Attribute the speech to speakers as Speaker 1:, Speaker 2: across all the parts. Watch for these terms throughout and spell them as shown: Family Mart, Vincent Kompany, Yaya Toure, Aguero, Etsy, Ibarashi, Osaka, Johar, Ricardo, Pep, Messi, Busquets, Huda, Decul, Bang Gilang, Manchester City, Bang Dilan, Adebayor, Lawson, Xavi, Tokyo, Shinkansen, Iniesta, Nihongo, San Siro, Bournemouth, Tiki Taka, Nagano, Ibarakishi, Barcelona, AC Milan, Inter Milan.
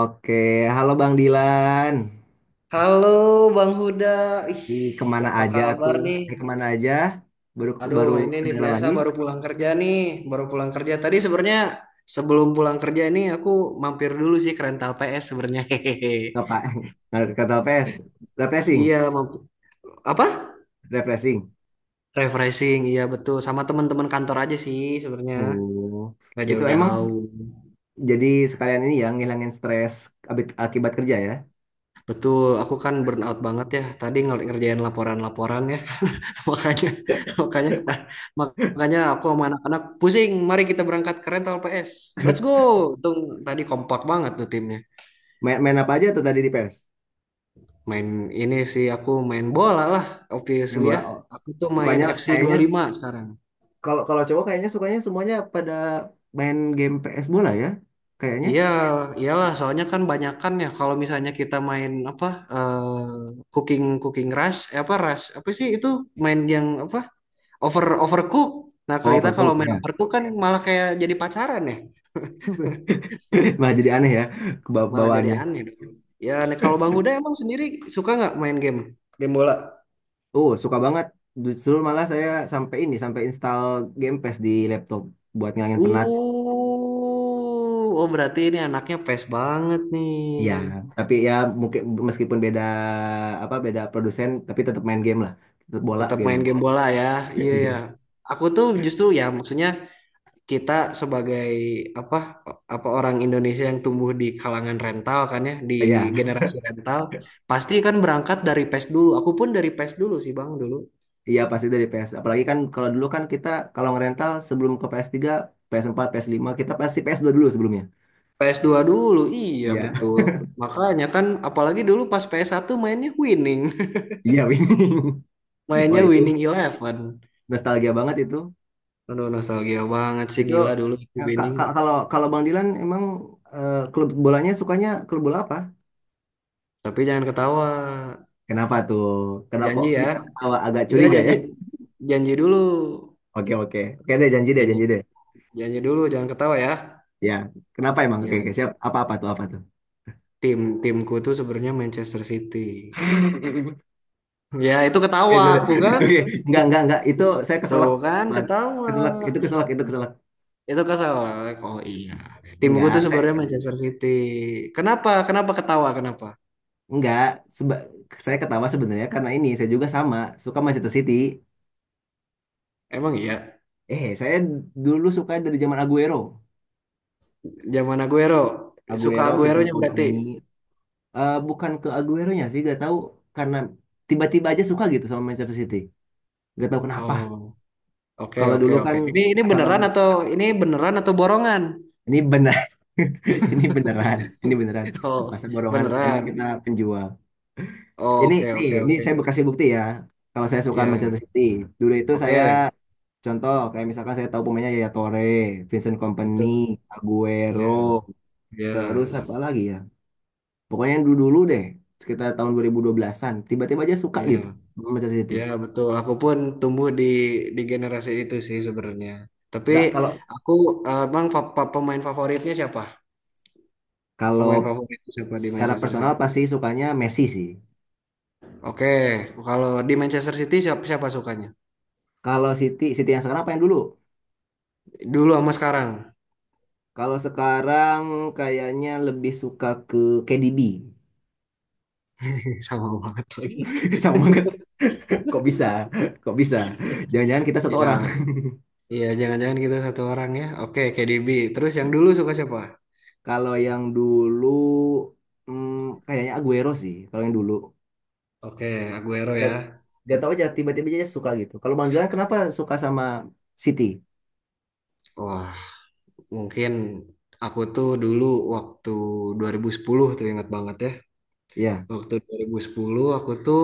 Speaker 1: Oke, halo Bang Dilan.
Speaker 2: Halo Bang Huda, ih
Speaker 1: Ih, kemana
Speaker 2: apa
Speaker 1: aja
Speaker 2: kabar
Speaker 1: tuh?
Speaker 2: nih?
Speaker 1: Eh, kemana aja? Baru
Speaker 2: Aduh,
Speaker 1: baru
Speaker 2: ini nih
Speaker 1: kedengeran
Speaker 2: biasa
Speaker 1: lagi?
Speaker 2: baru pulang kerja nih, baru pulang kerja. Tadi sebenarnya sebelum pulang kerja ini aku mampir dulu sih ke rental PS sebenarnya. Hehehe.
Speaker 1: Apa? Nggak kata PS? Refreshing,
Speaker 2: Iya, apa?
Speaker 1: refreshing.
Speaker 2: Refreshing, iya betul. Sama teman-teman kantor aja sih sebenarnya,
Speaker 1: Oh,
Speaker 2: nggak
Speaker 1: itu emang
Speaker 2: jauh-jauh.
Speaker 1: jadi sekalian ini ya ngilangin stres akibat kerja ya?
Speaker 2: Betul, aku kan burnout banget ya. Tadi ngerjain laporan-laporan ya. makanya makanya makanya aku sama anak-anak pusing, mari kita berangkat ke rental PS, let's go. Untung tadi kompak banget tuh timnya.
Speaker 1: Main apa aja tuh tadi di PS?
Speaker 2: Main ini sih aku main bola lah,
Speaker 1: Main
Speaker 2: obviously
Speaker 1: bola.
Speaker 2: ya.
Speaker 1: Oh.
Speaker 2: Aku tuh main
Speaker 1: Sukanya
Speaker 2: FC
Speaker 1: kayaknya sih,
Speaker 2: lima sekarang.
Speaker 1: kalau kalau cowok kayaknya sukanya semuanya pada main game PS bola ya? Kayaknya.
Speaker 2: Iya, iyalah, soalnya kan banyakan ya kalau misalnya kita main apa, cooking cooking rush, apa rush apa sih itu, main yang apa, overcook. Nah, kalau
Speaker 1: Oh,
Speaker 2: kita kalau
Speaker 1: pergok
Speaker 2: main
Speaker 1: ya.
Speaker 2: overcook kan malah kayak jadi pacaran ya,
Speaker 1: Malah jadi aneh ya
Speaker 2: malah jadi
Speaker 1: kebawaannya.
Speaker 2: aneh dong. Ya, nih, kalau Bang Huda emang sendiri suka nggak main game, game bola?
Speaker 1: Oh, suka banget. Justru malah saya sampai ini, sampai install Game Pass di laptop buat ngilangin penat.
Speaker 2: Uh, oh, berarti ini anaknya pes banget nih.
Speaker 1: Ya, tapi ya mungkin meskipun beda apa beda produsen, tapi tetap main game lah. Tetap bola
Speaker 2: Tetap main
Speaker 1: gamenya.
Speaker 2: game bola ya, iya ya.
Speaker 1: Iya.
Speaker 2: Aku tuh justru ya, maksudnya kita sebagai apa apa orang Indonesia yang tumbuh di kalangan rental kan ya, di
Speaker 1: Iya,
Speaker 2: generasi rental, pasti kan berangkat dari PES dulu. Aku pun dari PES dulu sih Bang dulu.
Speaker 1: iya pasti dari PS. Apalagi kan kalau dulu kan kita kalau ngerental sebelum ke PS3, PS4, ps lima kita pasti ps dua dulu sebelumnya.
Speaker 2: PS2 dulu, iya
Speaker 1: Iya.
Speaker 2: betul. Makanya kan, apalagi dulu pas PS1 mainnya winning.
Speaker 1: Iya, winning. Wah,
Speaker 2: Mainnya
Speaker 1: itu
Speaker 2: winning eleven.
Speaker 1: nostalgia banget itu.
Speaker 2: Aduh, nostalgia banget sih,
Speaker 1: Itu
Speaker 2: gila dulu itu
Speaker 1: eh,
Speaker 2: winning.
Speaker 1: kalau kalau Bang Dilan emang eh, klub bolanya sukanya klub bola apa?
Speaker 2: Tapi jangan ketawa.
Speaker 1: Kenapa tuh? Kenapa kok
Speaker 2: Janji ya.
Speaker 1: kita ketawa agak
Speaker 2: Enggak
Speaker 1: curiga ya?
Speaker 2: janji. Janji dulu.
Speaker 1: Oke oke. Oke deh janji deh
Speaker 2: Janji,
Speaker 1: janji deh.
Speaker 2: janji dulu, jangan ketawa ya.
Speaker 1: Ya, kenapa emang? Oke,
Speaker 2: Ya,
Speaker 1: oke, siap. Apa-apa tuh, apa tuh?
Speaker 2: timku tuh sebenarnya Manchester City. Ya, itu
Speaker 1: Oke,
Speaker 2: ketawa
Speaker 1: sudah.
Speaker 2: aku kan.
Speaker 1: Oke, enggak. Itu saya keselak.
Speaker 2: Tuh kan
Speaker 1: Tuhan.
Speaker 2: ketawa.
Speaker 1: Keselak, itu keselak, itu keselak.
Speaker 2: Itu keselak. Oh iya. Timku tuh
Speaker 1: Enggak, saya
Speaker 2: sebenarnya Manchester City. Kenapa? Kenapa ketawa? Kenapa?
Speaker 1: enggak. Seba- saya ketawa sebenarnya karena ini saya juga sama suka Manchester City.
Speaker 2: Emang iya.
Speaker 1: Eh, saya dulu suka dari zaman Aguero.
Speaker 2: Zaman Aguero. Suka
Speaker 1: Aguero, Vincent
Speaker 2: Aguero-nya berarti.
Speaker 1: Kompany. Eh, bukan ke Aguero-nya sih, gak tahu karena tiba-tiba aja suka gitu sama Manchester City. Gak tahu kenapa.
Speaker 2: Oh, oke,
Speaker 1: Kalau
Speaker 2: oke,
Speaker 1: dulu kan
Speaker 2: oke. Ini ini
Speaker 1: kalau
Speaker 2: beneran atau ini beneran atau borongan?
Speaker 1: ini benar. Ini beneran, ini beneran.
Speaker 2: Oh,
Speaker 1: Masa borongan emang
Speaker 2: beneran.
Speaker 1: kita penjual.
Speaker 2: Oh,
Speaker 1: Ini
Speaker 2: oke,
Speaker 1: ini
Speaker 2: oke,
Speaker 1: ini
Speaker 2: oke.
Speaker 1: saya bekasih bukti ya. Kalau saya suka Manchester
Speaker 2: Iya.
Speaker 1: City, dulu itu saya
Speaker 2: Oke.
Speaker 1: contoh kayak misalkan saya tahu pemainnya Yaya Toure, Vincent Kompany,
Speaker 2: Itu.
Speaker 1: Aguero,
Speaker 2: Iya. Iya.
Speaker 1: terus apa lagi ya? Pokoknya yang dulu-dulu deh, sekitar tahun 2012-an, tiba-tiba aja suka
Speaker 2: Iya.
Speaker 1: gitu sama Manchester City.
Speaker 2: Ya betul, aku pun tumbuh di generasi itu sih sebenarnya. Tapi
Speaker 1: Nggak kalau
Speaker 2: aku, bang pemain favoritnya siapa?
Speaker 1: Kalau
Speaker 2: Pemain favorit siapa di
Speaker 1: secara
Speaker 2: Manchester
Speaker 1: personal
Speaker 2: City?
Speaker 1: pasti sukanya Messi sih.
Speaker 2: Oke, kalau di Manchester City siapa siapa sukanya?
Speaker 1: Kalau Siti, Siti yang sekarang apa yang dulu?
Speaker 2: Dulu sama sekarang.
Speaker 1: Kalau sekarang kayaknya lebih suka ke KDB.
Speaker 2: Sama banget lagi.
Speaker 1: Sama banget. Kok bisa? Kok bisa? Jangan-jangan kita satu orang.
Speaker 2: Iya, iya jangan-jangan kita satu orang ya. Oke, KDB. Terus yang dulu suka siapa?
Speaker 1: Kalau yang dulu hmm, kayaknya Aguero sih. Kalau yang dulu.
Speaker 2: Oke, Aguero
Speaker 1: Gak,
Speaker 2: ya.
Speaker 1: gak tau aja tiba-tiba aja suka gitu. Kalau Bang Gilang kenapa suka sama City?
Speaker 2: Wah, mungkin aku tuh dulu waktu 2010 tuh ingat banget ya.
Speaker 1: Ya.
Speaker 2: Waktu 2010 aku tuh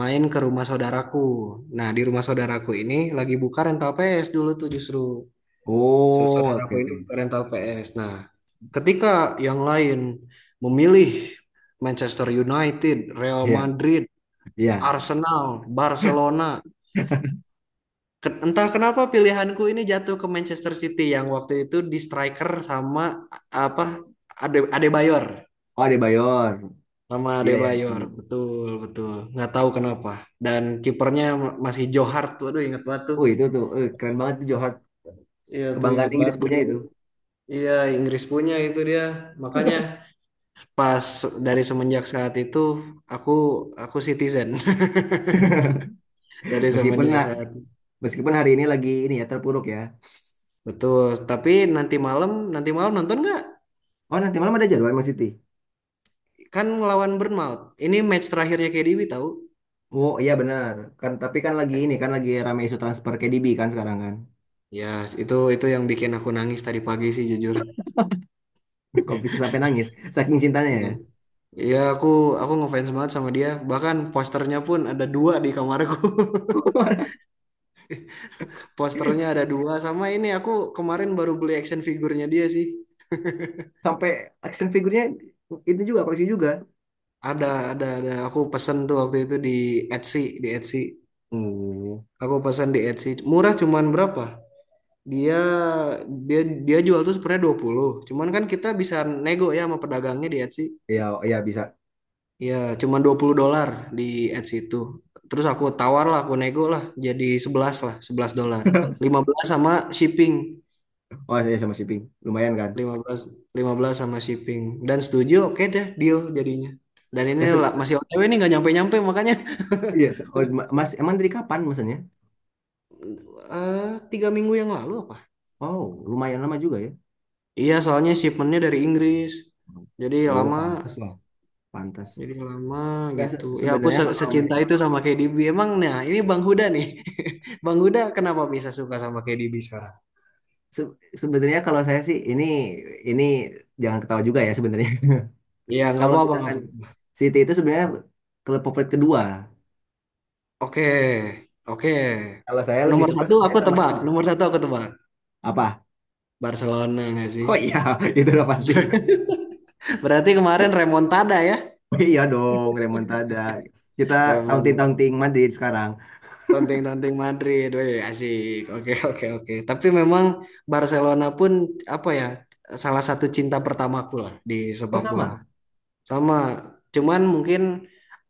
Speaker 2: main ke rumah saudaraku. Nah, di rumah saudaraku ini lagi buka rental PS dulu tuh justru.
Speaker 1: Oh, oke
Speaker 2: Saudaraku ini
Speaker 1: oke.
Speaker 2: buka rental PS. Nah, ketika yang lain memilih Manchester United, Real
Speaker 1: Iya,
Speaker 2: Madrid,
Speaker 1: iya.
Speaker 2: Arsenal, Barcelona. Entah kenapa pilihanku ini jatuh ke Manchester City yang waktu itu di striker sama apa Adebayor.
Speaker 1: Oh, Adebayor.
Speaker 2: Sama
Speaker 1: Iya, iya.
Speaker 2: Adebayor, betul betul. Nggak tahu kenapa. Dan kipernya masih Johar tuh, aduh ingat banget tuh.
Speaker 1: Oh itu tuh eh, keren banget tuh Johor
Speaker 2: Iya tuh
Speaker 1: kebanggaan
Speaker 2: ingat
Speaker 1: Inggris
Speaker 2: banget
Speaker 1: punya
Speaker 2: tuh.
Speaker 1: itu.
Speaker 2: Iya, Inggris punya itu dia. Makanya pas dari semenjak saat itu aku aku citizen. Dari
Speaker 1: Meskipun
Speaker 2: semenjak
Speaker 1: nah,
Speaker 2: saat.
Speaker 1: meskipun hari ini lagi ini ya terpuruk ya.
Speaker 2: Betul. Tapi nanti malam nonton nggak?
Speaker 1: Oh nanti malam ada jadwal Mas Siti.
Speaker 2: Kan ngelawan Bournemouth. Ini match terakhirnya KDB tahu?
Speaker 1: Oh iya benar. Kan tapi kan lagi ini kan lagi rame isu transfer KDB kan sekarang kan.
Speaker 2: Ya, itu yang bikin aku nangis tadi pagi sih jujur.
Speaker 1: Kok bisa sampai nangis saking cintanya ya.
Speaker 2: Iya, aku ngefans banget sama dia. Bahkan posternya pun ada dua di kamarku. Posternya ada dua, sama ini aku kemarin baru beli action figurnya dia sih.
Speaker 1: Sampai action figurnya itu juga koleksi juga.
Speaker 2: Ada ada aku pesen tuh waktu itu di Etsy.
Speaker 1: Oh
Speaker 2: Aku pesan di Etsy. Murah cuman berapa? Dia dia dia jual tuh sebenarnya 20, cuman kan kita bisa nego ya sama pedagangnya di Etsy.
Speaker 1: iya iya bisa.
Speaker 2: Ya cuman $20 di Etsy itu. Terus aku tawar lah, aku nego lah jadi 11 lah, $11. 15 sama shipping.
Speaker 1: Oh saya sama shipping lumayan kan.
Speaker 2: lima belas lima belas sama shipping dan setuju, oke deh, deal jadinya. Dan ini
Speaker 1: Ke- se- se-
Speaker 2: masih OTW nih, nggak nyampe-nyampe makanya
Speaker 1: Iya, oh, Mas emang dari kapan maksudnya?
Speaker 2: eh, 3 minggu yang lalu apa.
Speaker 1: Oh lumayan lama juga ya.
Speaker 2: Iya, soalnya shipmentnya dari Inggris jadi
Speaker 1: Oh,
Speaker 2: lama,
Speaker 1: pantas lah. Pantas.
Speaker 2: jadi lama
Speaker 1: Nggak,
Speaker 2: gitu ya. Aku
Speaker 1: sebenarnya kalau
Speaker 2: secinta itu sama KDB emang. Nah ini Bang Huda nih, Bang Huda kenapa bisa suka sama KDB sekarang?
Speaker 1: se- sebenarnya kalau saya sih ini jangan ketawa juga ya sebenarnya.
Speaker 2: Iya, nggak
Speaker 1: Kalau
Speaker 2: apa-apa, nggak
Speaker 1: misalkan
Speaker 2: apa-apa.
Speaker 1: City itu sebenarnya klub favorit kedua.
Speaker 2: Oke, oke.
Speaker 1: Kalau saya lebih
Speaker 2: Nomor
Speaker 1: suka
Speaker 2: satu
Speaker 1: sebenarnya
Speaker 2: aku
Speaker 1: sama
Speaker 2: tebak,
Speaker 1: ini.
Speaker 2: nomor satu aku tebak
Speaker 1: Apa?
Speaker 2: Barcelona nggak sih?
Speaker 1: Oh iya, itu udah pasti.
Speaker 2: Berarti kemarin remontada ya.
Speaker 1: Oh iya dong, remontada. Kita
Speaker 2: Lemon
Speaker 1: taunting-taunting Madrid sekarang.
Speaker 2: tanding-tanding Madrid, weh, asik. Oke, oke, oke. Tapi memang Barcelona pun apa ya, salah satu cinta pertamaku lah di
Speaker 1: Oh
Speaker 2: sepak bola.
Speaker 1: sama.
Speaker 2: Sama, cuman mungkin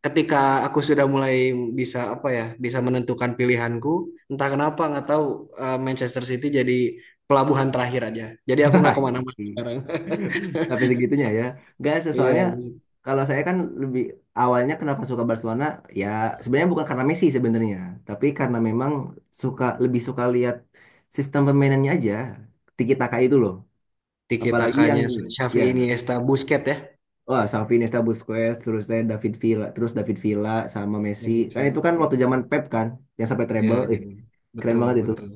Speaker 2: ketika aku sudah mulai bisa apa ya, bisa menentukan pilihanku, entah kenapa nggak tahu, Manchester City jadi pelabuhan terakhir aja. Jadi aku nggak kemana-mana sekarang.
Speaker 1: Sampai segitunya ya. Enggak, soalnya
Speaker 2: Iya,
Speaker 1: kalau saya kan lebih awalnya kenapa suka Barcelona ya sebenarnya bukan karena Messi sebenarnya, tapi karena memang suka lebih suka lihat sistem permainannya aja. Tiki Taka itu loh.
Speaker 2: tiki
Speaker 1: Apalagi yang
Speaker 2: takanya Xavi
Speaker 1: ya
Speaker 2: Iniesta Busquets ya.
Speaker 1: wah Xavi Iniesta Busquets terus saya David Villa terus David Villa sama Messi
Speaker 2: Ya, gitu.
Speaker 1: kan itu kan waktu zaman Pep kan yang sampai
Speaker 2: Ya,
Speaker 1: treble
Speaker 2: jadi
Speaker 1: eh keren
Speaker 2: betul,
Speaker 1: banget itu
Speaker 2: betul,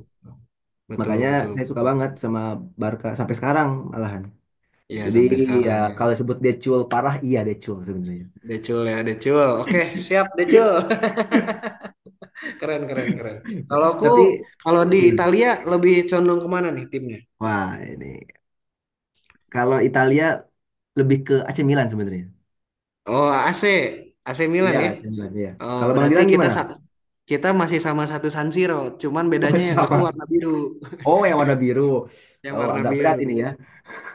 Speaker 2: betul,
Speaker 1: makanya
Speaker 2: betul,
Speaker 1: saya suka
Speaker 2: betul.
Speaker 1: banget sama Barca sampai sekarang malahan.
Speaker 2: Ya,
Speaker 1: Jadi
Speaker 2: sampai
Speaker 1: ya
Speaker 2: sekarang ya.
Speaker 1: kalau sebut dia cool parah, iya dia cool sebenarnya.
Speaker 2: Decul ya, Decul. Oke, siap Decul. Keren, keren, keren. Kalau aku,
Speaker 1: Tapi
Speaker 2: kalau di
Speaker 1: gimana?
Speaker 2: Italia lebih condong kemana nih timnya?
Speaker 1: Wah ini kalau Italia lebih ke AC Milan sebenarnya.
Speaker 2: Oh, AC
Speaker 1: Iya
Speaker 2: Milan ya.
Speaker 1: AC Milan ya.
Speaker 2: Oh,
Speaker 1: Kalau Bang
Speaker 2: berarti
Speaker 1: Dilan
Speaker 2: kita
Speaker 1: gimana?
Speaker 2: kita masih sama satu San Siro, cuman bedanya
Speaker 1: Masih
Speaker 2: yang aku
Speaker 1: sama.
Speaker 2: warna biru.
Speaker 1: Oh yang warna biru.
Speaker 2: Yang
Speaker 1: Oh
Speaker 2: warna
Speaker 1: agak berat ini ya.
Speaker 2: biru.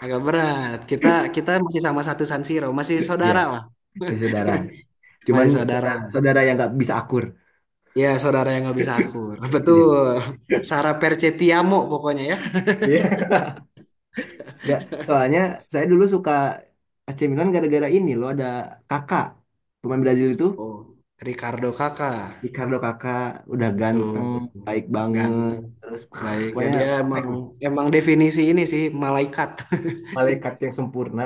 Speaker 2: Agak berat. Kita kita masih sama satu San Siro, masih
Speaker 1: Iya
Speaker 2: saudara lah.
Speaker 1: masih saudara. Cuman
Speaker 2: Masih saudara.
Speaker 1: saudara, saudara yang nggak bisa akur.
Speaker 2: Ya, saudara yang nggak bisa akur.
Speaker 1: Iya.
Speaker 2: Betul. Sara Percetiamo pokoknya ya.
Speaker 1: Iya. Nggak. Soalnya saya dulu suka AC Milan gara-gara ini loh ada kakak pemain Brazil itu.
Speaker 2: Oh, Ricardo Kakak.
Speaker 1: Ricardo kakak udah
Speaker 2: Betul,
Speaker 1: ganteng,
Speaker 2: betul.
Speaker 1: baik banget,
Speaker 2: Ganteng.
Speaker 1: terus
Speaker 2: Baik ya
Speaker 1: pokoknya
Speaker 2: dia
Speaker 1: perfect,
Speaker 2: emang emang definisi ini sih malaikat.
Speaker 1: malaikat yang sempurna.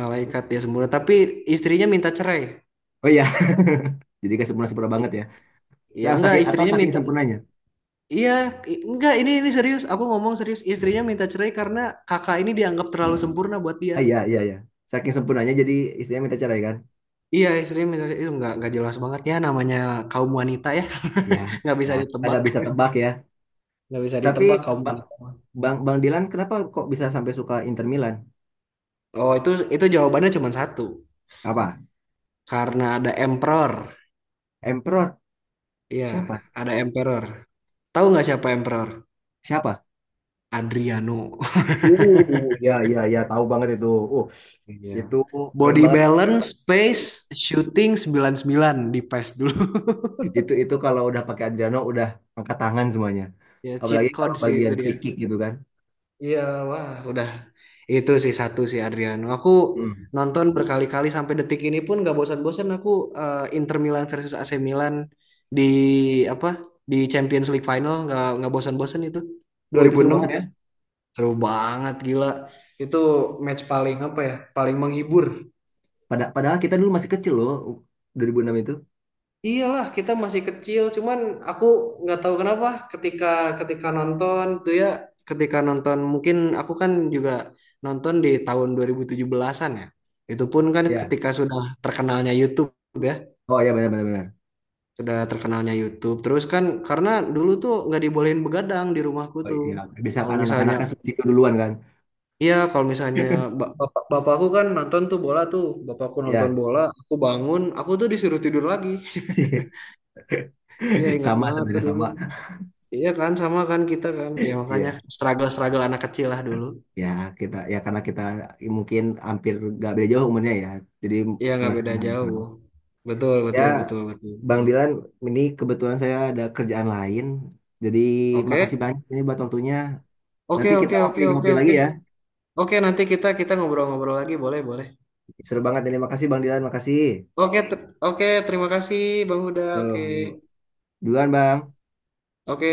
Speaker 2: Malaikat ya sempurna. Tapi istrinya minta cerai.
Speaker 1: Oh iya, jadi gak sempurna-sempurna banget
Speaker 2: I-
Speaker 1: ya.
Speaker 2: Ya
Speaker 1: Nah,
Speaker 2: enggak,
Speaker 1: saking, atau
Speaker 2: istrinya
Speaker 1: saking
Speaker 2: minta.
Speaker 1: sempurnanya.
Speaker 2: Iya, enggak, ini serius. Aku ngomong serius. Istrinya minta cerai karena kakak ini dianggap terlalu sempurna buat dia.
Speaker 1: Ah, iya. Saking sempurnanya jadi istrinya minta cerai kan?
Speaker 2: Iya, istrinya minta cerai. Itu enggak jelas banget ya, namanya kaum wanita ya.
Speaker 1: Ya,
Speaker 2: Nggak
Speaker 1: ya
Speaker 2: bisa
Speaker 1: kita
Speaker 2: ditebak.
Speaker 1: gak bisa tebak ya.
Speaker 2: Nggak bisa
Speaker 1: Tapi
Speaker 2: ditebak kamu
Speaker 1: Ba-
Speaker 2: gitu.
Speaker 1: Bang Bang Dilan kenapa kok bisa sampai suka Inter Milan?
Speaker 2: Oh, itu jawabannya cuma satu.
Speaker 1: Apa?
Speaker 2: Karena ada emperor.
Speaker 1: Emperor?
Speaker 2: Iya,
Speaker 1: Siapa?
Speaker 2: ada emperor. Tahu nggak siapa emperor?
Speaker 1: Siapa?
Speaker 2: Adriano.
Speaker 1: Ya, tahu banget itu. Uh,
Speaker 2: Iya.
Speaker 1: itu keren
Speaker 2: Body
Speaker 1: banget.
Speaker 2: balance, pace, shooting 99 di pace dulu.
Speaker 1: Itu kalau udah pakai Adriano udah angkat tangan semuanya.
Speaker 2: Ya, cheat
Speaker 1: Apalagi kalau
Speaker 2: code sih itu
Speaker 1: bagian
Speaker 2: dia.
Speaker 1: free kick gitu kan.
Speaker 2: Iya, wah, udah itu sih satu sih Adriano. Aku
Speaker 1: Hmm.
Speaker 2: nonton berkali-kali sampai detik ini pun gak bosan-bosan. Aku, Inter Milan versus AC Milan di apa di Champions League final, nggak bosan-bosan itu,
Speaker 1: Oh, itu seru
Speaker 2: 2006.
Speaker 1: banget ya.
Speaker 2: Seru banget, gila itu match paling apa ya, paling menghibur.
Speaker 1: Pada, padahal kita dulu masih kecil loh 2006 itu.
Speaker 2: Iyalah kita masih kecil, cuman aku nggak tahu kenapa ketika ketika nonton tuh ya, ketika nonton mungkin aku kan juga nonton di tahun 2017-an ya. Itu pun kan
Speaker 1: Ya.
Speaker 2: ketika sudah terkenalnya YouTube ya,
Speaker 1: Oh ya benar benar benar.
Speaker 2: sudah terkenalnya YouTube. Terus kan karena dulu tuh nggak dibolehin begadang di rumahku
Speaker 1: Oh
Speaker 2: tuh.
Speaker 1: iya, bisa
Speaker 2: Kalau
Speaker 1: kan anak-anak
Speaker 2: misalnya,
Speaker 1: kan seperti itu duluan kan.
Speaker 2: iya kalau misalnya bapakku kan nonton tuh bola tuh, bapakku nonton
Speaker 1: Ya.
Speaker 2: bola, aku bangun, aku tuh disuruh tidur lagi. Iya ingat
Speaker 1: Sama
Speaker 2: banget tuh
Speaker 1: sebenarnya
Speaker 2: dulu.
Speaker 1: sama.
Speaker 2: Iya kan sama kan kita kan. Ya makanya
Speaker 1: Iya.
Speaker 2: struggle-struggle anak kecil lah dulu.
Speaker 1: Ya, kita ya karena kita mungkin hampir gak beda jauh umurnya ya. Jadi
Speaker 2: Iya nggak beda
Speaker 1: ngerasain hal yang sama.
Speaker 2: jauh. Betul
Speaker 1: Ya,
Speaker 2: betul betul betul
Speaker 1: Bang
Speaker 2: betul.
Speaker 1: Dilan, ini kebetulan saya ada kerjaan lain. Jadi makasih
Speaker 2: Oke.
Speaker 1: banyak ini buat waktunya.
Speaker 2: Oke,
Speaker 1: Nanti kita
Speaker 2: oke, oke, oke,
Speaker 1: ngopi-ngopi lagi
Speaker 2: oke.
Speaker 1: ya.
Speaker 2: Oke, nanti kita kita ngobrol-ngobrol lagi, boleh boleh.
Speaker 1: Seru banget ini. Makasih Bang Dilan, makasih.
Speaker 2: Oke, oke terima kasih Bang Huda. Oke.
Speaker 1: Tuh. Duluan Bang.
Speaker 2: Oke.